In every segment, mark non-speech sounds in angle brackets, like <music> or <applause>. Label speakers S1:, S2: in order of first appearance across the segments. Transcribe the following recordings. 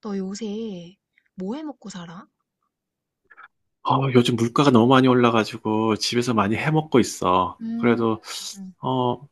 S1: 너 요새 뭐 해 먹고 살아?
S2: 요즘 물가가 너무 많이 올라가지고 집에서 많이 해 먹고 있어.
S1: 음,
S2: 그래도
S1: 음.
S2: 어,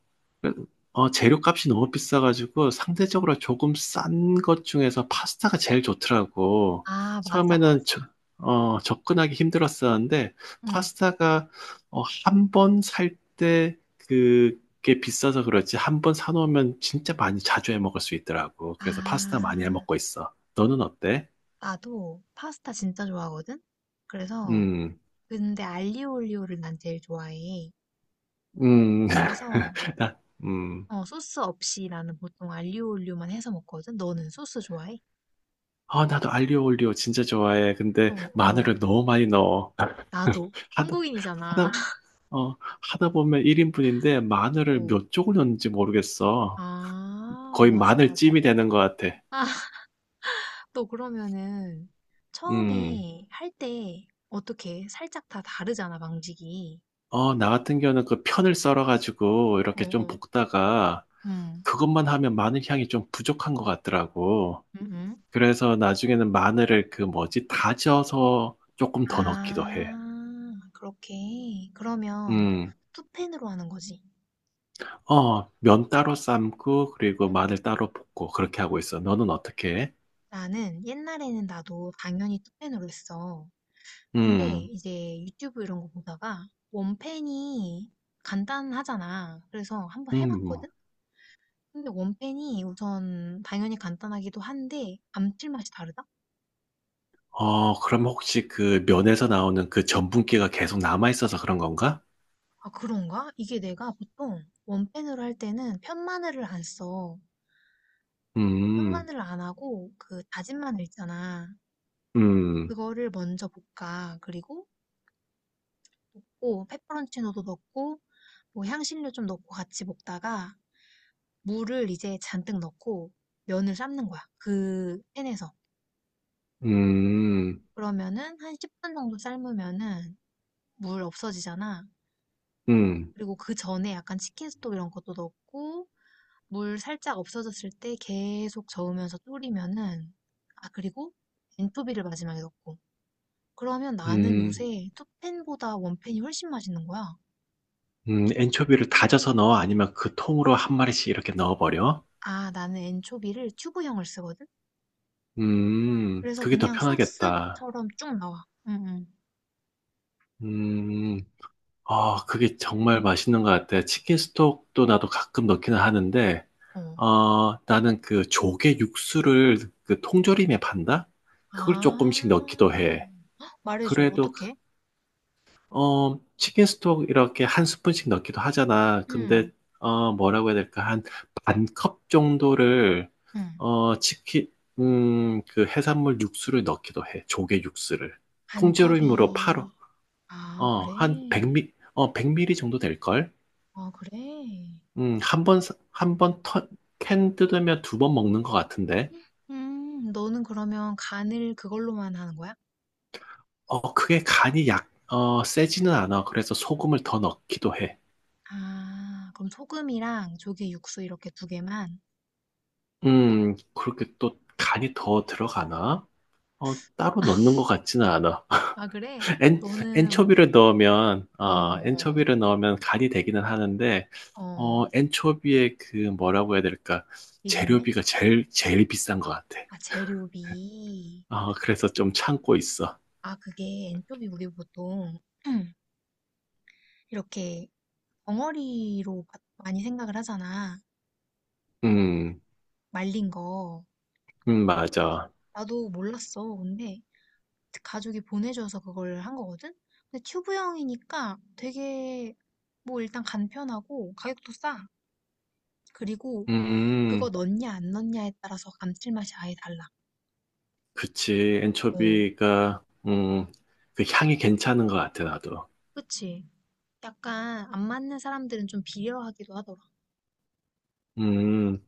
S2: 재료값이 너무 비싸가지고 상대적으로 조금 싼 것 중에서 파스타가 제일 좋더라고.
S1: 아, 맞아,
S2: 처음에는
S1: 맞아.
S2: 접근하기 힘들었었는데
S1: 응.
S2: 파스타가 한 번 살 때 그게 비싸서 그렇지 한 번 사놓으면 진짜 많이 자주 해 먹을 수 있더라고. 그래서 파스타 많이 해
S1: 아,
S2: 먹고 있어. 너는 어때?
S1: 나도 파스타 진짜 좋아하거든? 그래서,
S2: 음.
S1: 근데 알리오 올리오를 난 제일 좋아해.
S2: 음.
S1: 그래서,
S2: <laughs> 나, 음.
S1: 어, 소스 없이 나는 보통 알리오 올리오만 해서 먹거든? 너는 소스 좋아해?
S2: 아, 나도 알리오 올리오 진짜 좋아해.
S1: 어,
S2: 근데
S1: 어.
S2: 마늘을 너무 많이 넣어.
S1: 나도.
S2: 하다,
S1: 한국인이잖아.
S2: 하다,
S1: <laughs>
S2: 어, 하다 보면 1인분인데 마늘을
S1: 어.
S2: 몇 쪽을 넣는지 모르겠어.
S1: 아,
S2: 거의
S1: 맞아, 맞아.
S2: 마늘찜이 되는 것 같아.
S1: 또 그러면은
S2: 음.
S1: 처음에 할 때 어떻게 살짝 다 다르잖아, 방직이
S2: 나 같은 경우는 그 편을 썰어가지고
S1: 어,
S2: 이렇게 좀
S1: 어.
S2: 볶다가
S1: 음.
S2: 그것만 하면 마늘 향이 좀 부족한 것 같더라고.
S1: 음, 음.
S2: 그래서 나중에는 마늘을 그 뭐지, 다져서 조금 더 넣기도 해.
S1: 아, 그렇게. 그러면
S2: 음.
S1: 투펜으로 하는 거지.
S2: 면 따로 삶고, 그리고 마늘
S1: 음.
S2: 따로 볶고, 그렇게 하고 있어. 너는 어떻게 해?
S1: 나는 옛날에는 나도 당연히 투펜으로 했어. 근데
S2: 음.
S1: 이제 유튜브 이런 거 보다가 원펜이 간단하잖아. 그래서 한번
S2: 음.
S1: 해봤거든? 근데 원펜이 우선 당연히 간단하기도 한데 감칠맛이 다르다?
S2: 그럼 혹시 그
S1: 어.
S2: 면에서 나오는 그 전분기가 계속 남아있어서 그런 건가?
S1: 아, 그런가? 이게 내가 보통 원펜으로 할 때는 편마늘을 안 써.
S2: 음.
S1: 편마늘을 안 하고 그 다진 마늘 있잖아.
S2: 음.
S1: 그거를 먼저 볶아. 그리고 볶고 페퍼론치노도 넣고 뭐 향신료 좀 넣고 같이 볶다가 물을 이제 잔뜩 넣고 면을 삶는 거야. 그 팬에서.
S2: 음.
S1: 그러면은 한 10분 정도 삶으면은 물 없어지잖아.
S2: 음.
S1: 그리고 그 전에 약간 치킨 스톡 이런 것도 넣고 물 살짝 없어졌을 때 계속 저으면서 졸이면은 아 그리고 엔토비를 마지막에 넣고 그러면 나는
S2: 음.
S1: 요새 투펜보다 원펜이 훨씬 맛있는 거야.
S2: 엔초비를 다져서 넣어? 아니면 그 통으로 한 마리씩 이렇게 넣어버려?
S1: 아 나는 엔초비를 튜브형을 쓰거든. 그래서
S2: 그게 더
S1: 그냥
S2: 편하겠다.
S1: 소스처럼 쭉 나와. 응,
S2: 음, 아, 그게 정말 맛있는 것 같아. 치킨 스톡도 나도 가끔 넣기는 하는데,
S1: 응. 어.
S2: 나는 그 조개 육수를 그 통조림에 판다? 그걸 조금씩 넣기도
S1: 아
S2: 해.
S1: 말해줘
S2: 그래도,
S1: 어떻게?
S2: 치킨 스톡 이렇게 한 스푼씩 넣기도 하잖아. 근데,
S1: 응,
S2: 뭐라고 해야 될까? 한 반컵 정도를,
S1: 응.
S2: 어, 치킨, 그 해산물 육수를 넣기도 해. 조개 육수를.
S1: 반
S2: 통조림으로 팔어.
S1: 컵이 아 그래.
S2: 한 100 mL, 백 밀리리터 정도 될걸?
S1: 아 그래.
S2: 음, 한 번, 한 번 캔 뜯으면 두 번 먹는 것 같은데.
S1: 너는 그러면 간을 그걸로만 하는 거야?
S2: 그게 간이 세지는 않아. 그래서 소금을 더 넣기도 해.
S1: 아 그럼 소금이랑 조개 육수 이렇게 두 개만?
S2: 그렇게 또 간이 더 들어가나? 따로 넣는
S1: <laughs>
S2: 것 같지는 않아.
S1: 아 그래?
S2: <laughs> 엔,
S1: 너는 뭐 어어
S2: 엔초비를 넣으면 간이 되기는 하는데,
S1: 어. 어,
S2: 엔초비의 그 뭐라고 해야 될까?
S1: 일 있네?
S2: 재료비가 제일 비싼 것 같아.
S1: 아 재료비.
S2: 그래서 좀 참고 있어.
S1: 아 그게 엔초비 우리 보통 <clears throat> 이렇게 덩어리로 마- 많이 생각을 하잖아.
S2: 음.
S1: 말린 거. 근데
S2: 맞아.
S1: 나도 몰랐어. 근데 가족이 보내줘서 그걸 한 거거든? 근데 튜브형이니까 되게 뭐 일단 간편하고 가격도 싸. 그리고 그거
S2: 음.
S1: 넣냐 안 넣냐에 따라서 감칠맛이 아예 달라.
S2: 그치.
S1: 어,
S2: 엔초비가, 그 향이 괜찮은 것 같아, 나도.
S1: 그치? 약간 안 맞는 사람들은 좀 비려하기도 하더라.
S2: 음,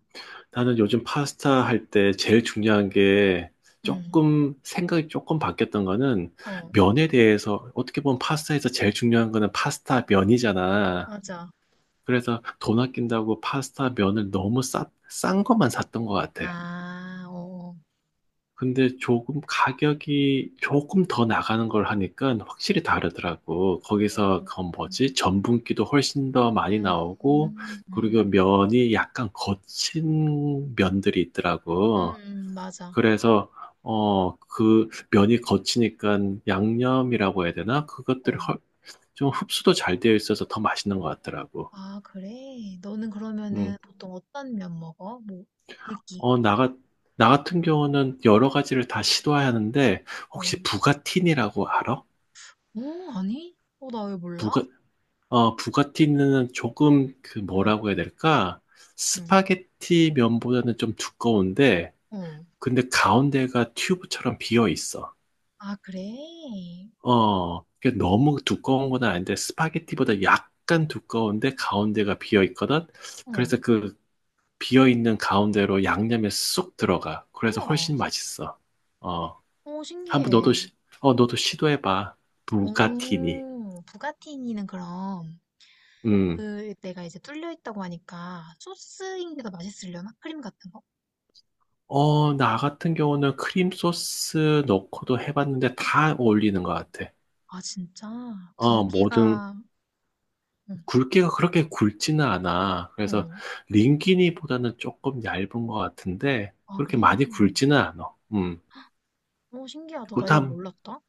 S2: 나는 요즘 파스타 할 때 제일 중요한 게
S1: 응,
S2: 조금, 생각이 조금 바뀌었던 거는
S1: 어,
S2: 면에 대해서, 어떻게 보면 파스타에서 제일 중요한 거는 파스타 면이잖아.
S1: 맞아.
S2: 그래서 돈 아낀다고 파스타 면을 너무 싼 것만 샀던 것 같아.
S1: 아, 어,
S2: 근데 조금 가격이 조금 더 나가는 걸 하니까 확실히 다르더라고. 거기서 그건
S1: 음,
S2: 뭐지? 전분기도 훨씬 더 많이 나오고,
S1: 응.
S2: 그리고 면이 약간 거친 면들이 있더라고.
S1: 맞아.
S2: 그래서, 그 면이 거치니까 양념이라고 해야 되나? 그것들이
S1: 어,
S2: 훨- 좀 흡수도 잘 되어 있어서 더 맛있는 것 같더라고.
S1: 아, 그래? 너는 그러면은
S2: 음.
S1: 보통 어떤 면 먹어? 뭐, 굵기.
S2: 어, 나, 같- 나 같은 경우는 여러 가지를 다 시도하는데,
S1: 어,
S2: 혹시 부가틴이라고 알아?
S1: 오, 아니? 어, 나 왜 몰라?
S2: 부가, 부가티는 조금 그
S1: 응,
S2: 뭐라고 해야 될까?
S1: 응,
S2: 스파게티 면보다는 좀 두꺼운데,
S1: 어.
S2: 근데 가운데가 튜브처럼 비어 있어.
S1: 아, 그래?
S2: 그게 너무 두꺼운 건 아닌데, 스파게티보다 약간 두꺼운데 가운데가 비어 있거든?
S1: 어.
S2: 그래서 그 비어 있는 가운데로 양념에 쏙 들어가. 그래서
S1: 우와.
S2: 훨씬 맛있어. 어,
S1: 어,
S2: 한번 너도,
S1: 신기해.
S2: 시, 어, 너도 시도해봐. 부가티니.
S1: 오, 부가티니는 그럼
S2: 음.
S1: 그 내가 이제 뚫려 있다고 하니까 소스인 게 더 맛있으려나? 크림 같은 거?
S2: 나 같은 경우는 크림 소스 넣고도 해봤는데 다 어울리는 것 같아.
S1: 아, 진짜?
S2: 뭐든
S1: 굵기가 응.
S2: 굵기가 그렇게 굵지는 않아. 그래서
S1: 응.
S2: 링기니보다는 조금 얇은 것 같은데
S1: 아,
S2: 그렇게
S1: 그래?
S2: 많이 굵지는 않아. 음.
S1: 어, 신기하다. 나 이거
S2: 그다음,
S1: 몰랐다.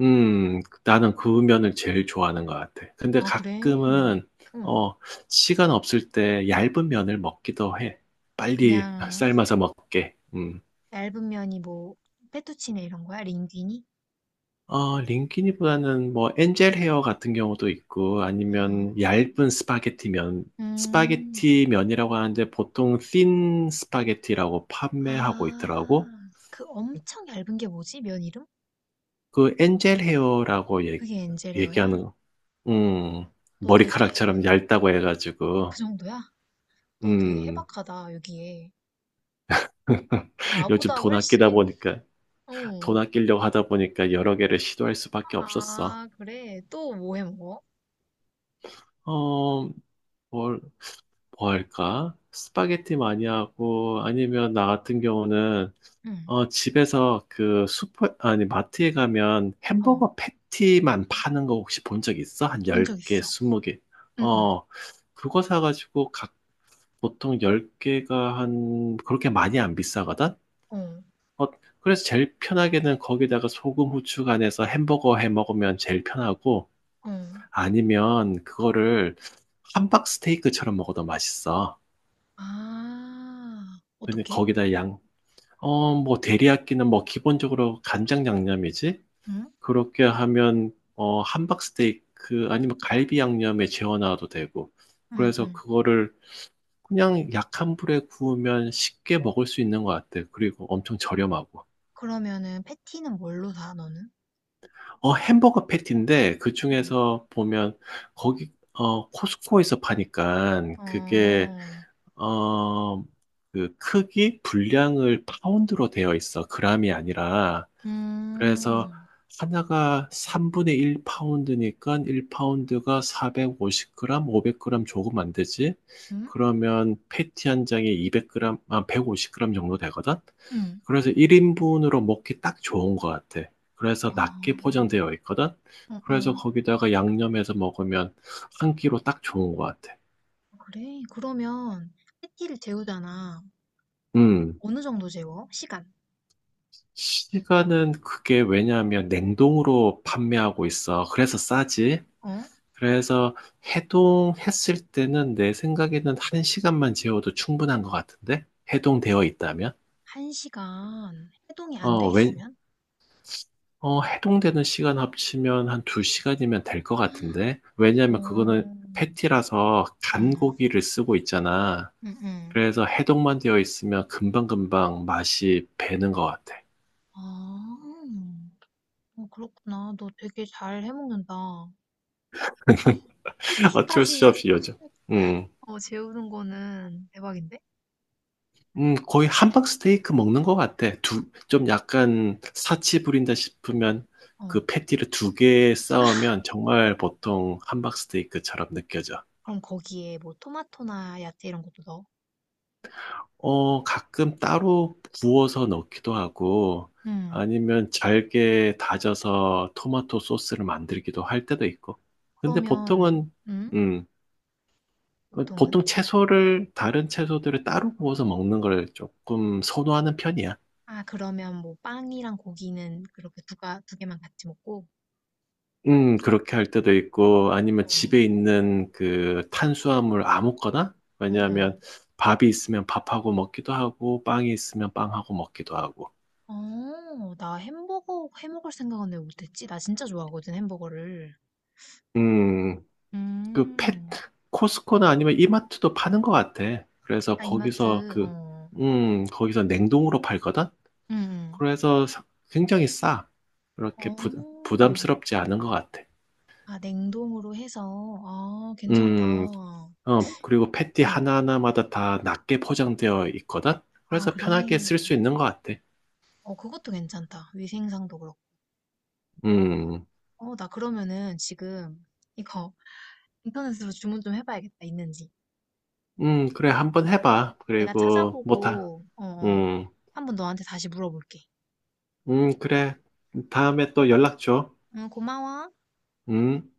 S2: 나는 그 면을 제일 좋아하는 것 같아. 근데
S1: 아, 그래?
S2: 가끔은
S1: 응.
S2: 어, 시간 없을 때 얇은 면을 먹기도 해. 빨리 <laughs>
S1: 그냥
S2: 삶아서 먹게. 음.
S1: 얇은 면이 뭐 페투치네 이런 거야? 링귀니?
S2: 링키니보다는 뭐 엔젤 헤어 같은 경우도 있고 아니면
S1: 아,
S2: 얇은 스파게티 면,
S1: 음.
S2: 스파게티 면이라고 하는데 보통 thin 스파게티라고 판매하고 있더라고.
S1: 아, 그 엄청 얇은 게 뭐지? 면 이름?
S2: 그 엔젤 헤어라고
S1: 그게 엔젤레어야?
S2: 얘기하는 거. 음,
S1: 너 되게
S2: 머리카락처럼 얇다고
S1: 그
S2: 해가지고.
S1: 정도야? 너 되게
S2: 음.
S1: 해박하다, 여기에.
S2: <laughs> 요즘
S1: 나보다
S2: 돈 아끼다
S1: 훨씬,
S2: 보니까,
S1: 어.
S2: 돈 아끼려고 하다 보니까 여러 개를 시도할 수밖에 없었어.
S1: 아, 그래. 또 뭐해 먹어?
S2: 어, 뭘, 뭐 할까? 스파게티 많이 하고, 아니면 나 같은 경우는,
S1: 응,
S2: 집에서 그 슈퍼, 아니, 마트에 가면 햄버거
S1: 어.
S2: 패티만 파는 거 혹시 본 적 있어? 한
S1: 본적
S2: 10개,
S1: 있어.
S2: 20개.
S1: 응,
S2: 어, 그거 사가지고 보통 10개가 한, 그렇게 많이 안 비싸거든?
S1: 응,
S2: 어, 그래서 제일 편하게는 거기다가 소금, 후추 간해서 햄버거 해 먹으면 제일 편하고,
S1: 어, 어.
S2: 아니면 그거를 함박 스테이크처럼 먹어도 맛있어.
S1: 아,
S2: 근데
S1: 어떻게?
S2: 거기다 뭐, 대리야끼는 뭐, 기본적으로 간장 양념이지?
S1: 응?
S2: 그렇게 하면, 함박 스테이크 아니면 갈비 양념에 재워놔도 되고.
S1: 응,
S2: 그래서
S1: 응.
S2: 그거를 그냥 약한 불에 구우면 쉽게 먹을 수 있는 것 같아. 그리고 엄청 저렴하고.
S1: 그러면은 패티는 뭘로 사, 너는?
S2: 햄버거 패티인데, 그
S1: 어.
S2: 중에서 보면, 코스코에서 파니까, 그게,
S1: 어,
S2: 어, 그 크기, 분량을 파운드로 되어 있어. 그람이 아니라. 그래서
S1: 음,
S2: 하나가 3분의 1 파운드니까 1 파운드가 450 g, 500 g 조금 안 되지?
S1: 응?
S2: 그러면 패티 한 장에 200 g, 아, 150 g 정도 되거든?
S1: 응,
S2: 그래서 1인분으로 먹기 딱 좋은 것 같아. 그래서
S1: 아,
S2: 낮게 포장되어 있거든? 그래서
S1: 어
S2: 거기다가 양념해서 먹으면 한 끼로 딱 좋은 것 같아.
S1: 어 그래. 그러면 패티를 재우잖아.
S2: 음.
S1: 어느 정도 재워? 시간?
S2: 시간은 그게 왜냐하면 냉동으로 판매하고 있어. 그래서 싸지.
S1: 어?
S2: 그래서 해동했을 때는 내 생각에는 한 시간만 재워도 충분한 것 같은데? 해동되어 있다면?
S1: 한 시간 해동이 안 돼
S2: 어, 왜,
S1: 있으면?
S2: 해동되는 시간 합치면 한 두 시간이면 될 것 같은데? 왜냐면 그거는
S1: 음.
S2: 패티라서 간
S1: 음.
S2: 고기를 쓰고 있잖아.
S1: 음음.
S2: 그래서 해동만 되어 있으면 금방금방 맛이 배는 것 같아.
S1: 아. 어 그렇구나. 너 되게 잘 해 먹는다.
S2: <laughs> 어쩔 수
S1: 패티까지
S2: 없이 요즘. 음.
S1: 어 재우는 거는 대박인데?
S2: 거의 함박 스테이크 먹는 것 같아. 좀 약간 사치 부린다 싶으면
S1: 어.
S2: 그 패티를 두 개 싸우면 정말 보통 함박 스테이크처럼 느껴져.
S1: 그럼 거기에 뭐 토마토나 야채 이런 것도 넣어?
S2: 가끔 따로 구워서 넣기도 하고
S1: 음.
S2: 아니면 잘게 다져서 토마토 소스를 만들기도 할 때도 있고. 근데
S1: 그러면
S2: 보통은,
S1: 음?
S2: 음,
S1: 보통은?
S2: 다른 채소들을 따로 구워서 먹는 걸 조금 선호하는 편이야.
S1: 아, 그러면 뭐 빵이랑 고기는 그렇게 두가 두 개만 같이 먹고.
S2: 그렇게 할 때도 있고, 아니면
S1: 어.
S2: 집에 있는 그 탄수화물 아무거나?
S1: 어, 어.
S2: 왜냐하면 밥이 있으면 밥하고 먹기도 하고, 빵이 있으면 빵하고 먹기도 하고.
S1: 어, 나 햄버거 해 먹을 생각은 왜 못했지? 나 진짜 좋아하거든, 햄버거를.
S2: 음, 그 펫,
S1: 음.
S2: 코스코나 아니면 이마트도 파는 것 같아. 그래서
S1: 아,
S2: 거기서
S1: 이마트,
S2: 그,
S1: 어.
S2: 거기서 냉동으로 팔거든?
S1: 응, 응.
S2: 그래서 사- 굉장히 싸. 그렇게 부,
S1: 어.
S2: 부담스럽지 않은 것 같아.
S1: 아, 냉동으로 해서. 아, 괜찮다.
S2: 음, 그리고 패티
S1: 응.
S2: 하나하나마다 다 낮게 포장되어 있거든?
S1: 아,
S2: 그래서 편하게 쓸 수
S1: 그래.
S2: 있는 것 같아.
S1: 어, 그것도 괜찮다. 위생상도 그렇고.
S2: 음.
S1: 어, 나 그러면은 지금 이거 인터넷으로 주문 좀 해봐야겠다. 있는지.
S2: 그래, 한번 해봐.
S1: 내가
S2: 그리고,
S1: 찾아보고, 어, 어.
S2: 음.
S1: 한번 너한테 다시 물어볼게.
S2: 그래. 다음에 또 연락 줘.
S1: 응, 고마워.
S2: 음.